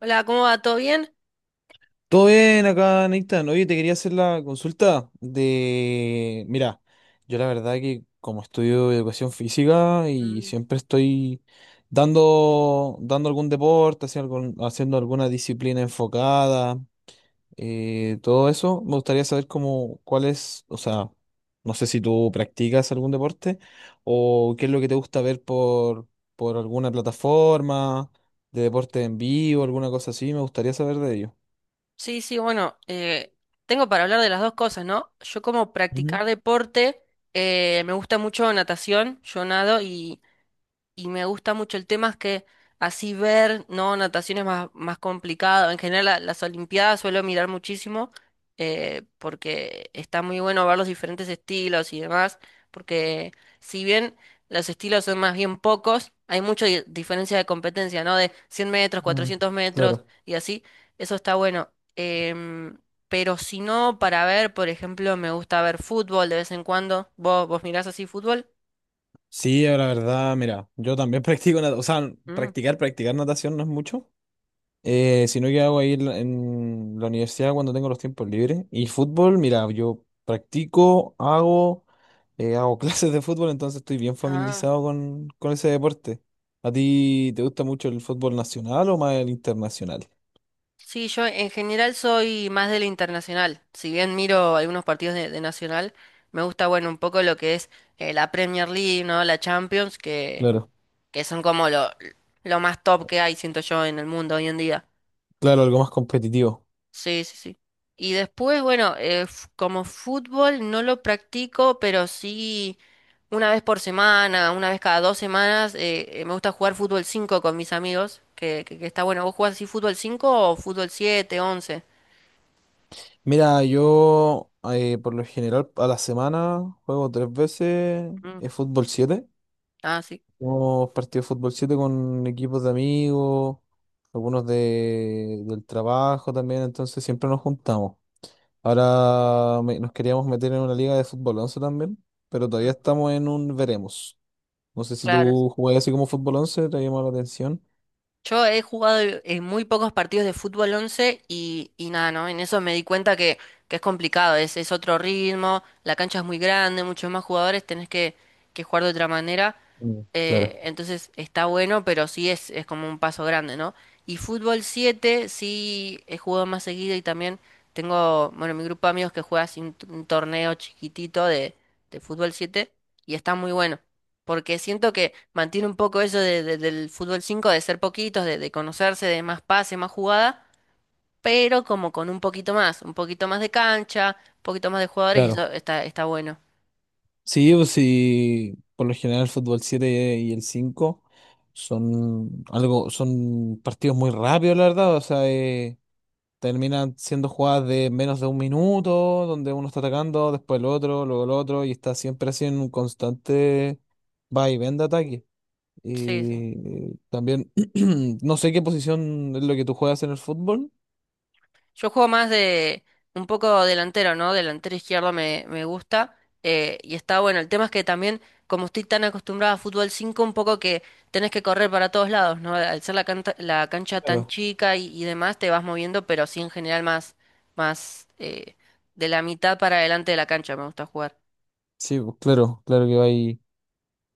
Hola, ¿cómo va? ¿Todo bien? Todo bien acá, Nathan. Oye, te quería hacer la consulta de... Mira, yo la verdad que como estudio educación física y siempre estoy dando algún deporte, haciendo, haciendo alguna disciplina enfocada, todo eso, me gustaría saber cómo, cuál es, o sea, no sé si tú practicas algún deporte o qué es lo que te gusta ver por alguna plataforma de deporte en vivo, alguna cosa así, me gustaría saber de Sí, sí, bueno, tengo para hablar de las dos cosas, ¿no? Yo como ello. practicar deporte, me gusta mucho natación, yo nado y me gusta mucho. El tema es que así ver, ¿no? Natación es más complicado. En general las Olimpiadas suelo mirar muchísimo, porque está muy bueno ver los diferentes estilos y demás, porque si bien los estilos son más bien pocos, hay mucha diferencia de competencia, ¿no? De 100 metros, Mm, 400 metros claro. y así. Eso está bueno. Pero si no, para ver, por ejemplo, me gusta ver fútbol de vez en cuando. ¿Vos mirás así fútbol? Sí, la verdad, mira, yo también practico natación, o sea, Mm. practicar natación no es mucho, sino que hago ahí en la universidad cuando tengo los tiempos libres. Y fútbol, mira, yo practico, hago, hago clases de fútbol, entonces estoy bien Ah. familiarizado con ese deporte. ¿A ti te gusta mucho el fútbol nacional o más el internacional? Sí, yo en general soy más de la internacional. Si bien miro algunos partidos de nacional, me gusta, bueno, un poco lo que es la Premier League, ¿no? La Champions, Claro, que son como lo más top que hay, siento yo, en el mundo hoy en día. claro, algo más competitivo. Sí, sí, sí. Y después, bueno, como fútbol no lo practico, pero sí una vez por semana, una vez cada dos semanas, me gusta jugar fútbol 5 con mis amigos, que está bueno. ¿Vos jugás así fútbol 5 o fútbol siete, once? Mira, yo por lo general a la semana juego tres veces fútbol 7. Ah, sí. Hemos partido de fútbol 7 con equipos de amigos, algunos del trabajo también, entonces siempre nos juntamos. Ahora nos queríamos meter en una liga de fútbol 11 también, pero todavía Mm, estamos en un veremos. No sé si claro. tú jugás así como fútbol 11 te llamó la atención. Yo he jugado en muy pocos partidos de fútbol 11 y nada, ¿no? En eso me di cuenta que es complicado, es otro ritmo, la cancha es muy grande, muchos más jugadores, que jugar de otra manera. Mm, claro. Entonces está bueno, pero sí es como un paso grande, ¿no? Y fútbol 7 sí he jugado más seguido y también tengo, bueno, mi grupo de amigos que juega así un, un torneo chiquitito de fútbol 7 y está muy bueno. Porque siento que mantiene un poco eso del fútbol 5 de ser poquitos, de conocerse, de más pase, más jugada, pero como con un poquito más de cancha, un poquito más de jugadores y Claro. eso está, está bueno. Sí, pues sí, por lo general el fútbol 7 y el 5 son partidos muy rápidos, la verdad. O sea, terminan siendo jugadas de menos de un minuto, donde uno está atacando, después el otro, luego el otro, y está siempre así en un constante va y ven de ataque. Sí, sí. Y también, no sé qué posición es lo que tú juegas en el fútbol. Yo juego más de un poco delantero, ¿no? Delantero izquierdo me gusta. Y está bueno. El tema es que también, como estoy tan acostumbrado a fútbol 5 un poco que tenés que correr para todos lados, ¿no? Al ser la la cancha tan Claro. chica y demás, te vas moviendo, pero sí en general más, más de la mitad para adelante de la cancha me gusta jugar. Sí, pues, claro, claro que va ahí.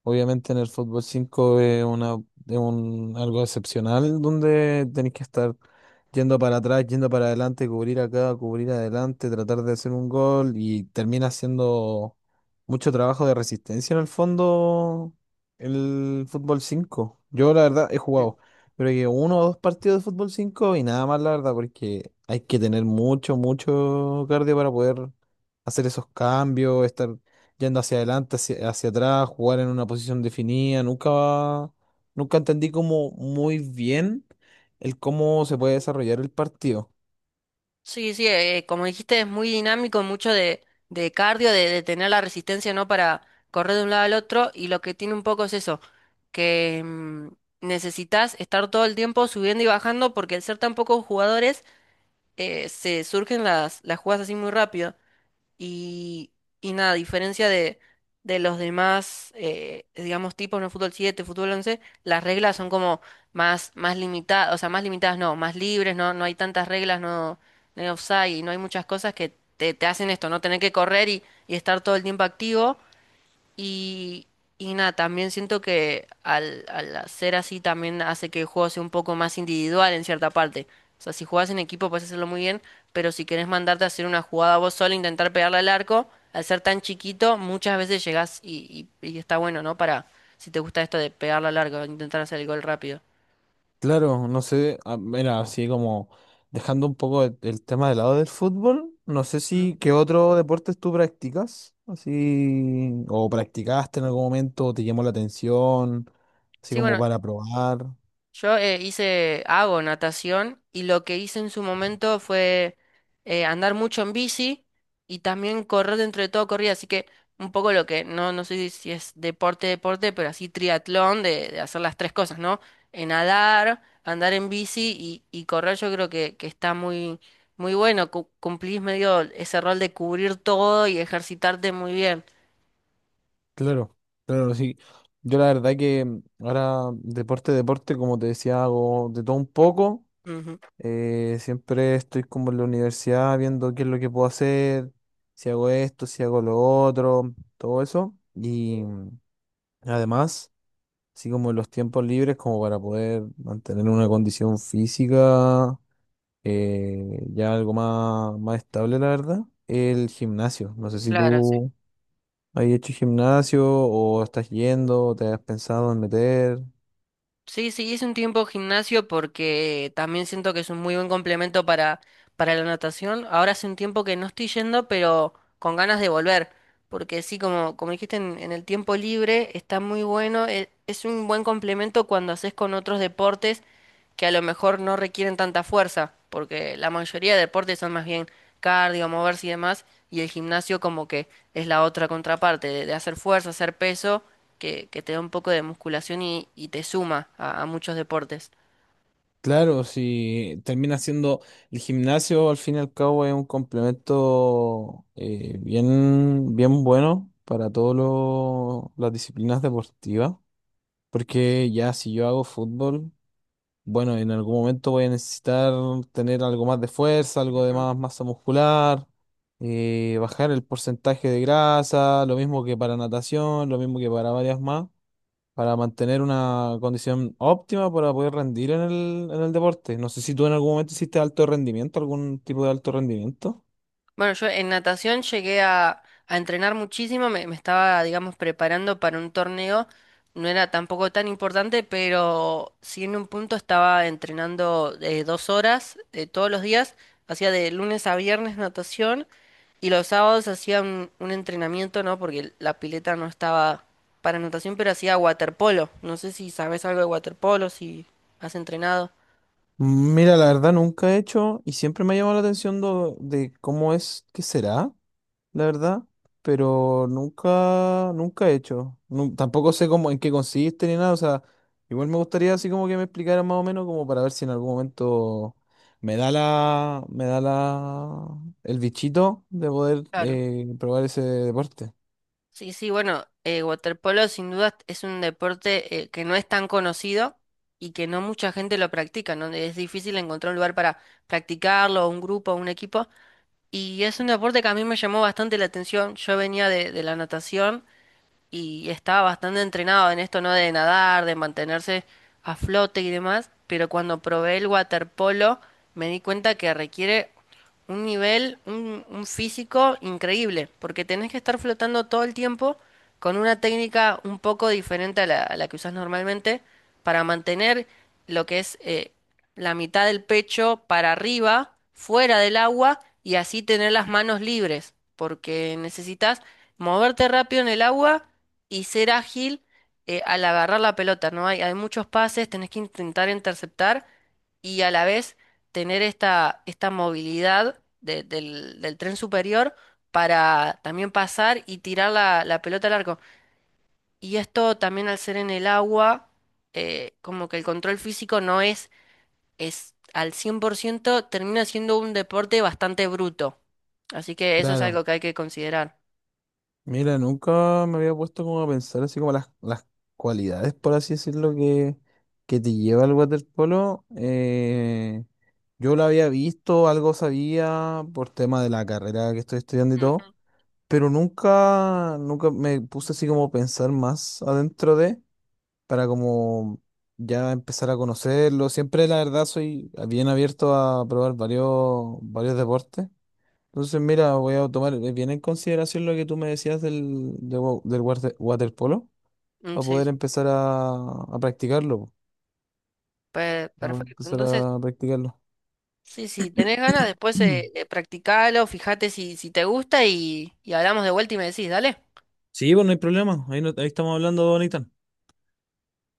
Obviamente en el fútbol 5 es un, algo excepcional donde tenés que estar yendo para atrás, yendo para adelante, cubrir acá, cubrir adelante, tratar de hacer un gol y termina siendo mucho trabajo de resistencia en el fondo el fútbol cinco. Yo la verdad he jugado, creo que uno o dos partidos de fútbol 5 y nada más la verdad porque hay que tener mucho, mucho cardio para poder hacer esos cambios, estar yendo hacia adelante, hacia atrás, jugar en una posición definida. Nunca entendí como muy bien el cómo se puede desarrollar el partido. Sí, sí, como dijiste, es muy dinámico, mucho de cardio, de tener la resistencia, ¿no? Para correr de un lado al otro. Y lo que tiene un poco es eso, que necesitas estar todo el tiempo subiendo y bajando, porque al ser tan pocos jugadores, se surgen las jugadas así muy rápido. Y, y nada, a diferencia de los demás, digamos, tipos, ¿no? Fútbol 7 fútbol 11 las reglas son como más, más limitadas, o sea, más limitadas no, más libres, no, no hay tantas reglas, no, no hay offside, y no hay muchas cosas que te hacen esto, no tener que correr y estar todo el tiempo activo. Y, y nada, también siento que al hacer así también hace que el juego sea un poco más individual en cierta parte. O sea, si jugás en equipo puedes hacerlo muy bien, pero si querés mandarte a hacer una jugada vos solo, intentar pegarle al arco, al ser tan chiquito, muchas veces llegás y, y está bueno, ¿no? Para, si te gusta esto de pegarle al arco, intentar hacer el gol rápido. Claro, no sé, ah, mira, así como dejando un poco el tema de lado del fútbol, no sé Mm. si qué otro deportes tú practicas, así, o practicaste en algún momento, o te llamó la atención, así Sí, como bueno, para probar. yo hice, hago natación y lo que hice en su momento fue andar mucho en bici y también correr dentro de todo corrida, así que un poco lo que, no, no sé si es deporte, deporte, pero así triatlón de hacer las tres cosas, ¿no? Nadar, andar en bici y correr yo creo que está muy, muy bueno, cumplís medio ese rol de cubrir todo y ejercitarte muy bien. Claro, claro, sí. Yo la verdad que mm, ahora deporte, como te decía, hago de todo un poco. Ujú, Siempre estoy como en la universidad viendo qué es lo que puedo hacer, si hago esto, si hago lo otro, todo eso. Y mm, además, así como los tiempos libres, como para poder mantener una condición física ya algo más, más estable, la verdad, el gimnasio. No sé si claro, sí. tú... ¿Has hecho gimnasio o estás yendo o te has pensado en meter? Sí, sí, hice un tiempo gimnasio porque también siento que es un muy buen complemento para la natación. Ahora hace un tiempo que no estoy yendo, pero con ganas de volver. Porque sí, como, como dijiste, en el tiempo libre está muy bueno. Es un buen complemento cuando haces con otros deportes que a lo mejor no requieren tanta fuerza. Porque la mayoría de deportes son más bien cardio, moverse y demás. Y el gimnasio como que es la otra contraparte, de hacer fuerza, hacer peso que te da un poco de musculación y te suma a muchos deportes. Claro, si termina siendo el gimnasio, al fin y al cabo es un complemento bien, bien bueno para todas las disciplinas deportivas, porque ya si yo hago fútbol, bueno, en algún momento voy a necesitar tener algo más de fuerza, algo de más masa muscular, bajar el porcentaje de grasa, lo mismo que para natación, lo mismo que para varias más, para mantener una condición óptima para poder rendir en en el deporte. No sé si tú en algún momento hiciste alto rendimiento, algún tipo de alto rendimiento. Bueno, yo en natación llegué a entrenar muchísimo, me estaba, digamos, preparando para un torneo, no era tampoco tan importante, pero sí en un punto estaba entrenando 2 horas todos los días, hacía de lunes a viernes natación. Y los sábados hacía un entrenamiento, ¿no? Porque la pileta no estaba para natación, pero hacía waterpolo. No sé si sabes algo de waterpolo, si has entrenado. Mira, la verdad nunca he hecho y siempre me ha llamado la atención de cómo es que será. La verdad, pero nunca he hecho. Tampoco sé cómo, en qué consiste ni nada, o sea, igual me gustaría así como que me explicaran más o menos como para ver si en algún momento me da la, el bichito de poder Claro. Probar ese deporte. Sí, sí, bueno, waterpolo sin duda es un deporte que no es tan conocido y que no mucha gente lo practica, ¿no? Es difícil encontrar un lugar para practicarlo, un grupo, un equipo. Y es un deporte que a mí me llamó bastante la atención. Yo venía de la natación y estaba bastante entrenado en esto, ¿no? De nadar, de mantenerse a flote y demás, pero cuando probé el waterpolo me di cuenta que requiere un nivel, un físico increíble, porque tenés que estar flotando todo el tiempo con una técnica un poco diferente a a la que usás normalmente para mantener lo que es la mitad del pecho para arriba, fuera del agua y así tener las manos libres, porque necesitas moverte rápido en el agua y ser ágil al agarrar la pelota, ¿no? Hay muchos pases, tenés que intentar interceptar y a la vez tener esta, esta movilidad del, del tren superior para también pasar y tirar la, la pelota al arco. Y esto también al ser en el agua, como que el control físico no es al 100%. Termina siendo un deporte bastante bruto. Así que eso es Claro. algo que hay que considerar. Mira, nunca me había puesto como a pensar así como las cualidades, por así decirlo, que te lleva al waterpolo. Yo lo había visto, algo sabía por tema de la carrera que estoy estudiando y todo, Ujú. pero nunca me puse así como a pensar más adentro de, para como ya empezar a conocerlo. Siempre, la verdad, soy bien abierto a probar varios deportes. Entonces, mira, voy a tomar bien en consideración lo que tú me decías del, de waterpolo Mm, para sí, poder empezar a practicarlo. Po. Para perfecto. empezar Entonces... a practicarlo. Sí, si tenés ganas, después practicalo, fíjate si, si te gusta y hablamos de vuelta y me decís, dale. Sí, pues no hay problema. Ahí, ahí estamos hablando, Bonita.